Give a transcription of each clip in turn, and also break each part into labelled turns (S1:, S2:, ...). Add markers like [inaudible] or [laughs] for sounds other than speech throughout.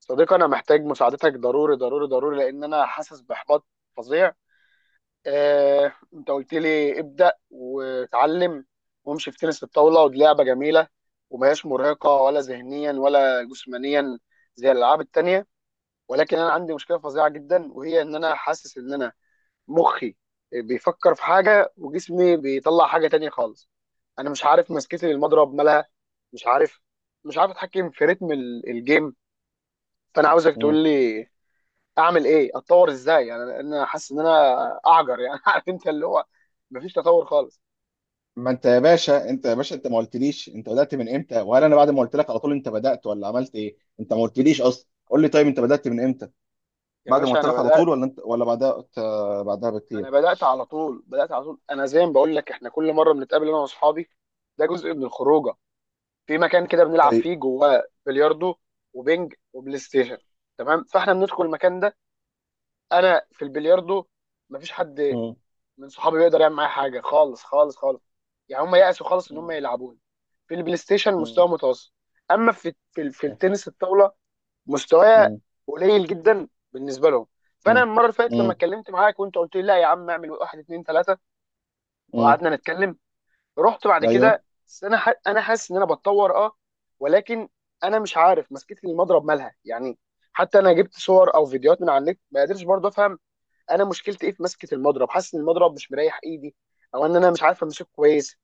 S1: صديقي، انا محتاج مساعدتك ضروري ضروري ضروري لان انا حاسس باحباط فظيع. آه، انت قلت لي ابدا وتعلم وامشي في تنس الطاوله، ودي لعبه جميله وما هياش مرهقه ولا ذهنيا ولا جسمانيا زي الالعاب التانيه. ولكن انا عندي مشكله فظيعه جدا، وهي ان انا حاسس ان انا مخي بيفكر في حاجه وجسمي بيطلع حاجه تانيه خالص. انا مش عارف مسكتي للمضرب مالها، مش عارف، مش عارف اتحكم في رتم الجيم. فانا عاوزك
S2: مم.
S1: تقول لي اعمل ايه، اتطور ازاي. يعني انا حاسس ان انا اعجر يعني [laughs] عارف، انت اللي هو مفيش تطور خالص.
S2: ما انت يا باشا انت ما قلتليش انت بدأت من امتى، وهل انا بعد ما قلت لك على طول انت بدأت ولا عملت ايه؟ انت ما قلتليش اصلا. قول لي، طيب انت بدأت من امتى؟
S1: يا
S2: بعد ما
S1: باشا،
S2: قلت
S1: انا
S2: لك على طول
S1: بدات
S2: ولا انت ولا بعدها بعدها بكتير؟
S1: انا بدات على طول بدات على طول انا زي ما بقول لك، احنا كل مره بنتقابل انا واصحابي، ده جزء من الخروجه. في مكان كده بنلعب فيه
S2: طيب.
S1: جواه بلياردو وبينج وبلاي ستيشن. تمام، فاحنا بندخل المكان ده، انا في البلياردو مفيش حد
S2: مم.
S1: من صحابي بيقدر يعمل معايا حاجه خالص خالص خالص. يعني هم يأسوا خالص ان هم
S2: مم.
S1: يلعبوني. في البلاي ستيشن
S2: مم.
S1: مستوى متوسط. اما في التنس الطاوله مستوايا
S2: مم.
S1: قليل جدا بالنسبه لهم. فانا
S2: مم.
S1: المره اللي فاتت لما
S2: مم.
S1: اتكلمت معاك وانت قلت لي: لا يا عم، اعمل واحد اتنين تلاته،
S2: مم.
S1: وقعدنا نتكلم. رحت بعد
S2: ايوه.
S1: كده. بس انا انا حاسس ان انا بتطور، اه. ولكن انا مش عارف مسكتي المضرب مالها يعني. حتى انا جبت صور او فيديوهات من على النت، ما قدرتش برضه افهم. انا مشكلتي ايه في مسكه المضرب؟ حاسس ان المضرب مش مريح ايدي، او ان انا مش عارف امسكه كويس.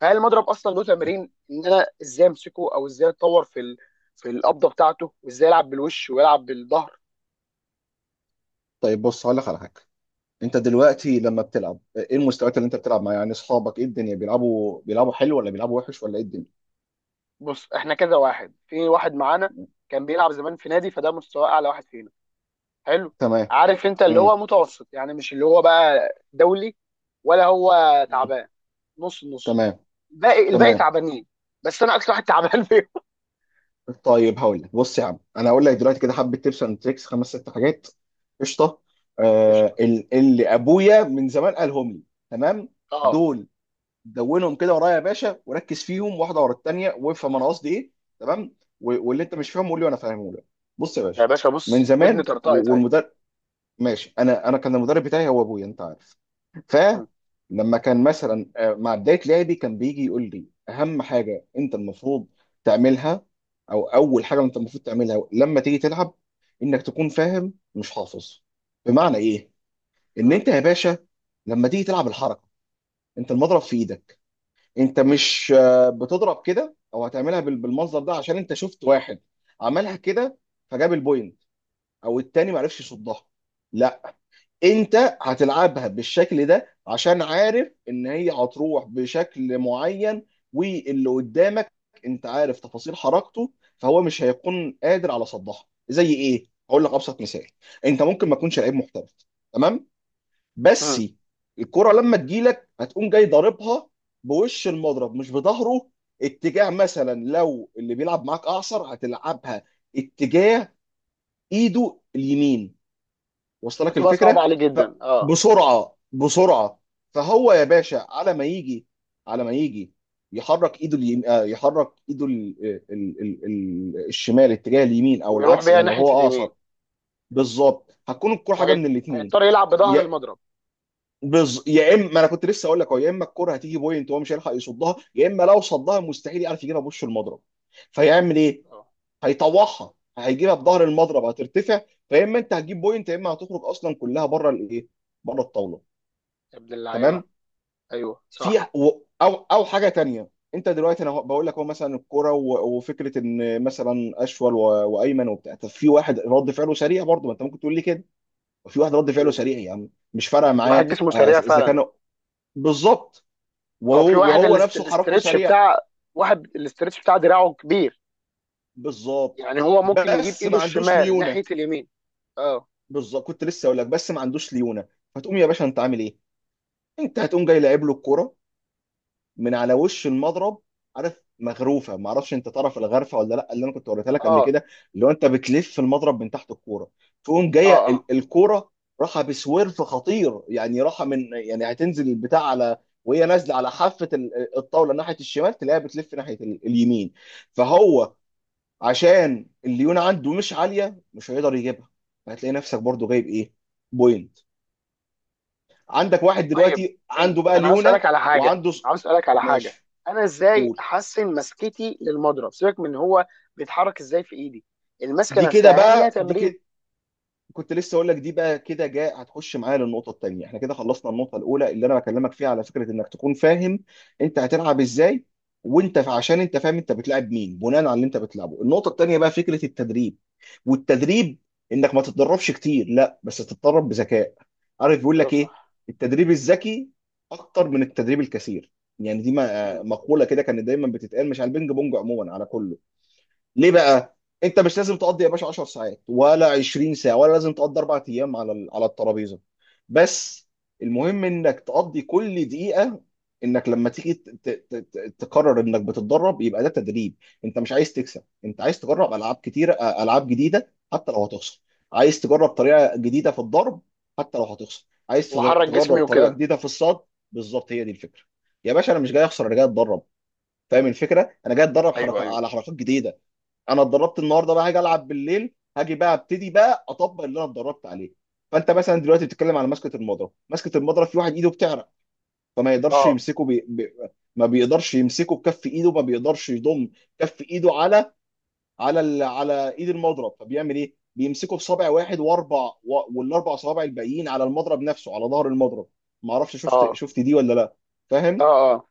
S1: فهل المضرب اصلا له
S2: أيوة.
S1: تمارين ان انا ازاي امسكه، او ازاي اتطور في في القبضه بتاعته، وازاي العب بالوش ويلعب بالظهر؟
S2: طيب بص، هقول لك على حاجه. انت دلوقتي لما بتلعب، ايه المستويات اللي انت بتلعب معاها؟ يعني اصحابك، ايه الدنيا، بيلعبوا حلو ولا بيلعبوا وحش ولا ايه الدنيا؟
S1: بص، احنا كذا واحد. في واحد معانا كان بيلعب زمان في نادي، فده مستوى اعلى واحد فينا، حلو.
S2: تمام.
S1: عارف، انت اللي هو
S2: مم.
S1: متوسط يعني، مش اللي هو بقى دولي، ولا هو
S2: مم.
S1: تعبان، نص نص.
S2: تمام.
S1: الباقي
S2: تمام.
S1: تعبانين. بس انا اكتر واحد تعبان فيهم.
S2: طيب هقول لك، بص يا عم، انا هقول لك دلوقتي كده حبه تيبس اند تريكس، 5-6 حاجات. قشطه.
S1: قشطه.
S2: اللي ابويا من زمان قالهم لي. تمام.
S1: اه.
S2: دول، دونهم كده ورايا يا باشا وركز فيهم، واحده ورا الثانيه، وافهم انا قصدي ايه. تمام. واللي انت مش فاهمه قول لي وانا فاهمه لك. بص يا
S1: يا
S2: باشا،
S1: باشا
S2: من
S1: بص، ودني
S2: زمان
S1: طرطقت اهي.
S2: والمدرب، ماشي، انا كان المدرب بتاعي هو ابويا، انت عارف.
S1: مم،
S2: فلما كان مثلا مع بدايه لعبي كان بيجي يقول لي: اهم حاجه انت المفروض تعملها، او اول حاجه انت المفروض تعملها لما تيجي تلعب، انك تكون فاهم مش حافظ. بمعنى ايه؟ ان
S1: مم،
S2: انت يا باشا لما تيجي تلعب الحركه، انت المضرب في ايدك، انت مش بتضرب كده او هتعملها بالمنظر ده عشان انت شفت واحد عملها كده فجاب البوينت، او التاني ما عرفش يصدها. انت هتلعبها بالشكل ده عشان عارف ان هي هتروح بشكل معين، واللي قدامك انت عارف تفاصيل حركته فهو مش هيكون قادر على صدها. زي ايه؟ هقول لك ابسط مثال. انت ممكن ما تكونش لعيب محترف، تمام، بس
S1: مم.
S2: الكرة لما تجيلك هتقوم جاي ضاربها بوش المضرب مش بظهره، اتجاه. مثلا لو اللي بيلعب معاك اعصر هتلعبها اتجاه ايده اليمين. وصل لك
S1: فتبقى صعبه
S2: الفكره؟
S1: عليه جدا، اه.
S2: فبسرعه بسرعه، فهو يا باشا على ما يجي، على ما يجي، يحرك ايده اليم... آه، يحرك ايده الشمال اتجاه اليمين، او
S1: ويروح
S2: العكس
S1: بيها
S2: يعني لو
S1: ناحيه
S2: هو اقصر.
S1: اليمين،
S2: بالظبط، هتكون الكره حاجه
S1: وهيضطر
S2: من الاثنين.
S1: هيضطر يلعب بظهر
S2: يا
S1: المضرب،
S2: يا اما، ما انا كنت لسه اقول لك اهو، يا اما الكره هتيجي بوينت وهو مش هيلحق يصدها، يا اما لو صدها مستحيل يعرف يجيبها بوش المضرب. فيعمل ايه؟
S1: اه.
S2: هيطوعها، هيجيبها بظهر المضرب، هترتفع. فيا اما انت هتجيب بوينت، يا اما هتخرج اصلا كلها بره الايه، بره الطاوله.
S1: يا ابن اللعيبه!
S2: تمام.
S1: ايوه،
S2: في
S1: صح.
S2: او حاجه تانية. انت دلوقتي انا بقول لك، هو مثلا الكوره وفكره ان مثلا اشول وايمن وبتاع. طب في واحد رد فعله سريع، برضه ما انت ممكن تقول لي كده، وفي واحد رد فعله
S1: مم.
S2: سريع يا عم، مش فارقه
S1: واحد
S2: معاه
S1: جسمه سريع
S2: اذا
S1: فعلا.
S2: كان. بالظبط.
S1: او في
S2: وهو
S1: واحد
S2: وهو نفسه حركته
S1: الاسترتش
S2: سريع.
S1: بتاع، واحد الاسترتش بتاع دراعه كبير.
S2: بالظبط،
S1: يعني هو ممكن يجيب
S2: بس
S1: ايده
S2: ما عندوش
S1: الشمال
S2: ليونه.
S1: ناحية اليمين. اه،
S2: بالظبط، كنت لسه اقول لك، بس ما عندوش ليونه. فتقوم يا باشا انت عامل ايه؟ انت هتقوم جاي لاعب له الكرة من على وش المضرب. عارف مغروفه؟ ما اعرفش انت تعرف الغرفه ولا لا، اللي انا كنت وريتها لك قبل
S1: اه،
S2: كده، اللي هو انت بتلف المضرب من تحت الكوره. تقوم
S1: اه،
S2: جايه
S1: اه.
S2: الكوره راحه بسويرف خطير، يعني راحه من، يعني هتنزل البتاع على، وهي نازله على حافه الطاوله ناحيه الشمال تلاقيها بتلف ناحيه اليمين.
S1: مم.
S2: فهو عشان الليونه عنده مش عاليه مش هيقدر يجيبها، فهتلاقي نفسك برضو جايب ايه؟ بوينت. عندك واحد
S1: طيب،
S2: دلوقتي عنده بقى
S1: انا عاوز
S2: ليونه،
S1: اسالك على حاجة
S2: وعنده
S1: عاوز اسالك على حاجة
S2: ماشي،
S1: انا ازاي
S2: قول.
S1: احسن مسكتي للمضرب؟ سيبك من هو بيتحرك ازاي في ايدي. المسكة
S2: دي كده
S1: نفسها هل ليها
S2: بقى، دي
S1: تمرين؟
S2: كده كنت لسه اقول لك، دي بقى كده جاء هتخش معايا للنقطه الثانيه. احنا كده خلصنا النقطه الاولى اللي انا بكلمك فيها، على فكره، انك تكون فاهم انت هتلعب ازاي، وانت عشان انت فاهم انت بتلعب مين بناء على اللي انت بتلعبه. النقطه الثانيه بقى فكره التدريب. والتدريب انك ما تتدربش كتير، لا، بس تتدرب بذكاء. عارف بيقول
S1: ضرب
S2: لك ايه؟
S1: صح.
S2: التدريب الذكي اكتر من التدريب الكثير. يعني دي
S1: مم.
S2: مقوله كده كانت دايما بتتقال، مش على البينج بونج، عموما على كله. ليه بقى؟ انت مش لازم تقضي يا باشا 10 ساعات ولا 20 ساعه، ولا لازم تقضي 4 ايام على الترابيزه، بس المهم انك تقضي كل دقيقه، انك لما تيجي تقرر انك بتتدرب يبقى ده تدريب. انت مش عايز تكسب، انت عايز تجرب العاب كتيره، العاب جديده حتى لو هتخسر. عايز تجرب
S1: مم.
S2: طريقه جديده في الضرب حتى لو هتخسر. عايز
S1: واحرك
S2: تجرب
S1: جسمي
S2: طريقه
S1: وكده.
S2: جديده في الصد. بالظبط، هي دي الفكره. يا باشا، انا مش
S1: مم.
S2: جاي اخسر، انا جاي اتدرب. فاهم الفكره؟ انا جاي اتدرب
S1: ايوه،
S2: حركه
S1: ايوه.
S2: على حركات جديده. انا اتدربت النهارده، بقى هاجي العب بالليل، هاجي بقى ابتدي بقى اطبق اللي انا اتدربت عليه. فانت مثلا دلوقتي بتتكلم على مسكه المضرب. مسكه المضرب في واحد ايده بتعرق، فما يقدرش
S1: اه،
S2: يمسكه ما بيقدرش يمسكه بكف ايده، ما بيقدرش يضم كف ايده على على ايد المضرب، فبيعمل ايه؟ بيمسكه بصابع واحد واربع والاربع صوابع الباقيين على المضرب نفسه، على ظهر المضرب. ما اعرفش شفت
S1: اه،
S2: شفت دي ولا لا.
S1: اه،
S2: فاهم؟
S1: اه.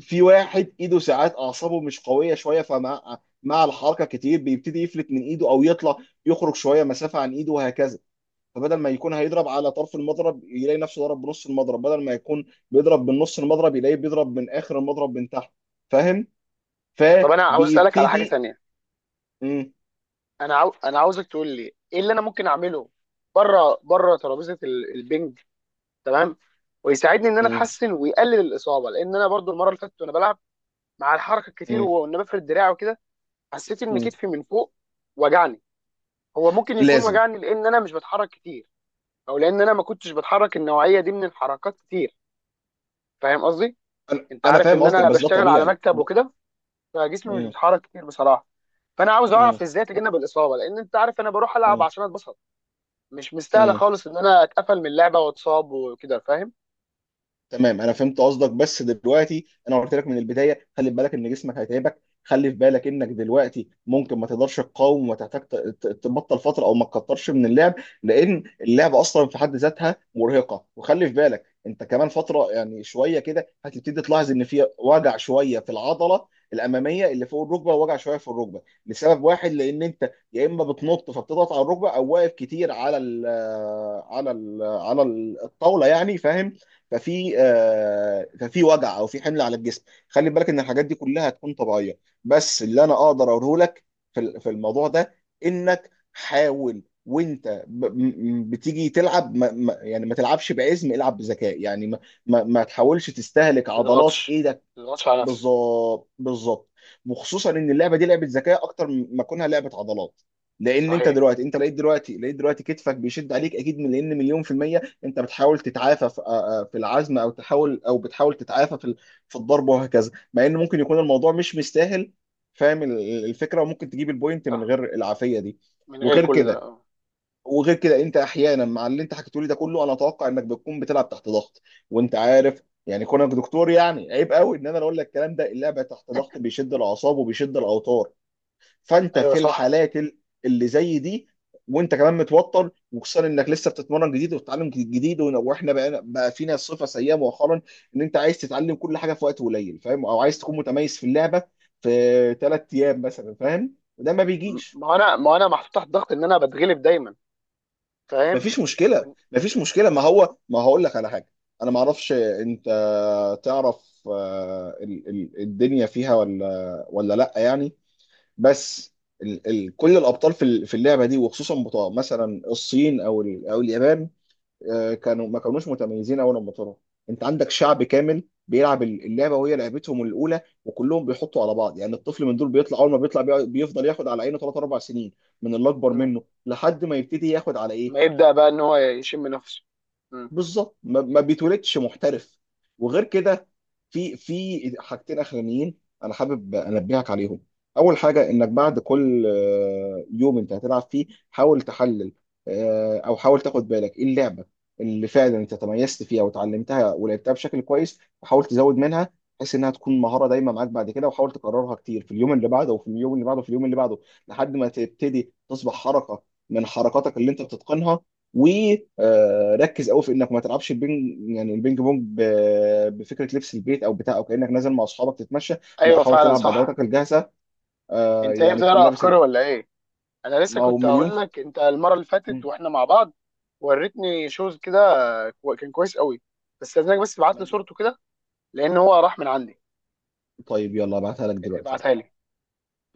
S2: في واحد ايده ساعات اعصابه مش قويه شويه، فمع الحركه كتير بيبتدي يفلت من ايده، او يطلع يخرج شويه مسافه عن ايده، وهكذا. فبدل ما يكون هيضرب على طرف المضرب يلاقي نفسه ضرب بنص المضرب، بدل ما يكون بيضرب من نص المضرب يلاقيه بيضرب من اخر المضرب من تحت. فاهم؟
S1: طب انا عاوز اسالك على حاجة
S2: فبيبتدي.
S1: تانية.
S2: مم.
S1: انا انا عاوزك تقول لي ايه اللي انا ممكن اعمله بره بره ترابيزه البنج، تمام، ويساعدني ان انا
S2: مم.
S1: اتحسن ويقلل الاصابه. لان انا برضو المره اللي فاتت وانا بلعب مع الحركه الكتير
S2: مم.
S1: وان بفرد دراعي وكده، حسيت ان
S2: مم.
S1: كتفي من فوق وجعني. هو ممكن يكون
S2: لازم.
S1: وجعني لان انا مش بتحرك كتير، او لان انا ما كنتش بتحرك النوعيه دي من الحركات كتير. فاهم قصدي؟
S2: انا
S1: انت
S2: أنا
S1: عارف
S2: فاهم
S1: ان
S2: قصدك،
S1: انا
S2: بس ده
S1: بشتغل على
S2: طبيعي
S1: مكتب وكده، فجسمي مش
S2: مم.
S1: بيتحرك كتير بصراحه. فانا عاوز اعرف
S2: مم.
S1: ازاي اتجنب الاصابه، لان انت عارف انا بروح العب
S2: مم.
S1: عشان اتبسط. مش مستاهله
S2: مم.
S1: خالص ان انا اتقفل من اللعبه واتصاب وكده، فاهم؟
S2: تمام، انا فهمت قصدك. بس دلوقتي انا قلت لك من البدايه، خلي بالك ان جسمك هيتعبك، خلي في بالك انك دلوقتي ممكن ما تقدرش تقاوم وتحتاج تبطل فتره او ما تكترش من اللعب، لان اللعب اصلا في حد ذاتها مرهقه. وخلي في بالك انت كمان فتره يعني شويه كده هتبتدي تلاحظ ان في وجع شويه في العضله الاماميه اللي فوق الركبه، ووجع شويه في الركبه، لسبب واحد، لان انت يا اما بتنط فبتضغط على الركبه، او واقف كتير على الطاوله يعني. فاهم؟ ففي وجع او في حمل على الجسم. خلي بالك ان الحاجات دي كلها هتكون طبيعيه، بس اللي انا اقدر اقوله لك في في الموضوع ده، انك حاول وانت بتيجي تلعب يعني ما تلعبش بعزم. العب بذكاء، يعني ما تحاولش تستهلك
S1: ما
S2: عضلات
S1: تضغطش
S2: ايه.
S1: ما تضغطش على نفسك.
S2: بالظبط، بالظبط، وخصوصا ان اللعبه دي لعبه ذكاء اكتر ما كونها لعبه عضلات. لان انت
S1: صحيح.
S2: دلوقتي انت لقيت دلوقتي كتفك بيشد عليك اكيد، من، لان مليون في الميه انت بتحاول تتعافى في في العزم، او بتحاول تتعافى في في الضرب وهكذا، مع ان ممكن يكون الموضوع مش مستاهل. فاهم الفكره؟ وممكن تجيب البوينت من
S1: صح.
S2: غير العافيه دي.
S1: من غير
S2: وغير
S1: كل ده،
S2: كده
S1: آه.
S2: وغير كده، انت احيانا مع اللي انت حكيته لي ده كله انا اتوقع انك بتكون بتلعب تحت ضغط. وانت عارف يعني كونك دكتور يعني عيب قوي ان انا اقول لك الكلام ده. اللعب تحت ضغط بيشد الاعصاب وبيشد الاوتار. فانت
S1: ايوه،
S2: في
S1: صح.
S2: الحالات اللي زي دي، وانت كمان متوتر، وخصوصا انك لسه بتتمرن جديد وبتتعلم جديد، واحنا بقى فينا صفه سيئه مؤخرا، ان انت عايز تتعلم كل حاجه في وقت قليل. فاهم؟ او عايز تكون متميز في اللعبه في 3 ايام مثلا. فاهم؟ وده ما بيجيش.
S1: ما انا محطوط تحت ضغط ان انا بتغلب دايما، فاهم؟
S2: مفيش مشكله،
S1: ون-
S2: مفيش مشكله. ما هو ما هقول لك على حاجه. انا ما اعرفش انت تعرف الدنيا فيها ولا لا يعني. بس ال ال كل الابطال في في اللعبه دي، وخصوصا بتوع مثلا الصين او اليابان، كانوا ما كانوش متميزين اول لما طلعوا. انت عندك شعب كامل بيلعب اللعبه وهي لعبتهم الاولى، وكلهم بيحطوا على بعض، يعني الطفل من دول بيطلع اول ما بيطلع بيفضل ياخد على عينه 3-4 سنين من اللي اكبر
S1: م.
S2: منه، لحد ما يبتدي ياخد على
S1: ما
S2: ايه.
S1: يبدا بقى ان هو يشم نفسه. م.
S2: بالظبط، ما بيتولدش محترف. وغير كده، في حاجتين اخرانيين انا حابب انبهك عليهم. اول حاجه، انك بعد كل يوم انت هتلعب فيه حاول تحلل، او حاول تاخد بالك ايه اللعبه اللي فعلا انت تميزت فيها وتعلمتها ولعبتها بشكل كويس، وحاول تزود منها بحيث انها تكون مهاره دايما معاك بعد كده، وحاول تكررها كتير في اليوم اللي بعده وفي اليوم اللي بعده وفي اليوم اللي بعده لحد ما تبتدي تصبح حركه من حركاتك اللي انت بتتقنها. وركز قوي في انك ما تلعبش البينج، يعني البينج بونج، بفكره لبس البيت او بتاع، او كانك نازل مع اصحابك تتمشى. لا،
S1: ايوه،
S2: حاول
S1: فعلا،
S2: تلعب
S1: صح.
S2: بادواتك الجاهزه،
S1: انت ايه،
S2: يعني تكون
S1: بتقرا
S2: لابس
S1: افكاري ولا ايه؟ انا لسه
S2: ما هو
S1: كنت
S2: مليون
S1: هقول لك، انت المره اللي فاتت
S2: مم.
S1: واحنا مع بعض وريتني شوز كده، كان كويس قوي. بس لازمك بس تبعت لي صورته كده، لان هو راح من عندي.
S2: طيب، يلا ابعتها لك دلوقتي.
S1: ابعتها لي.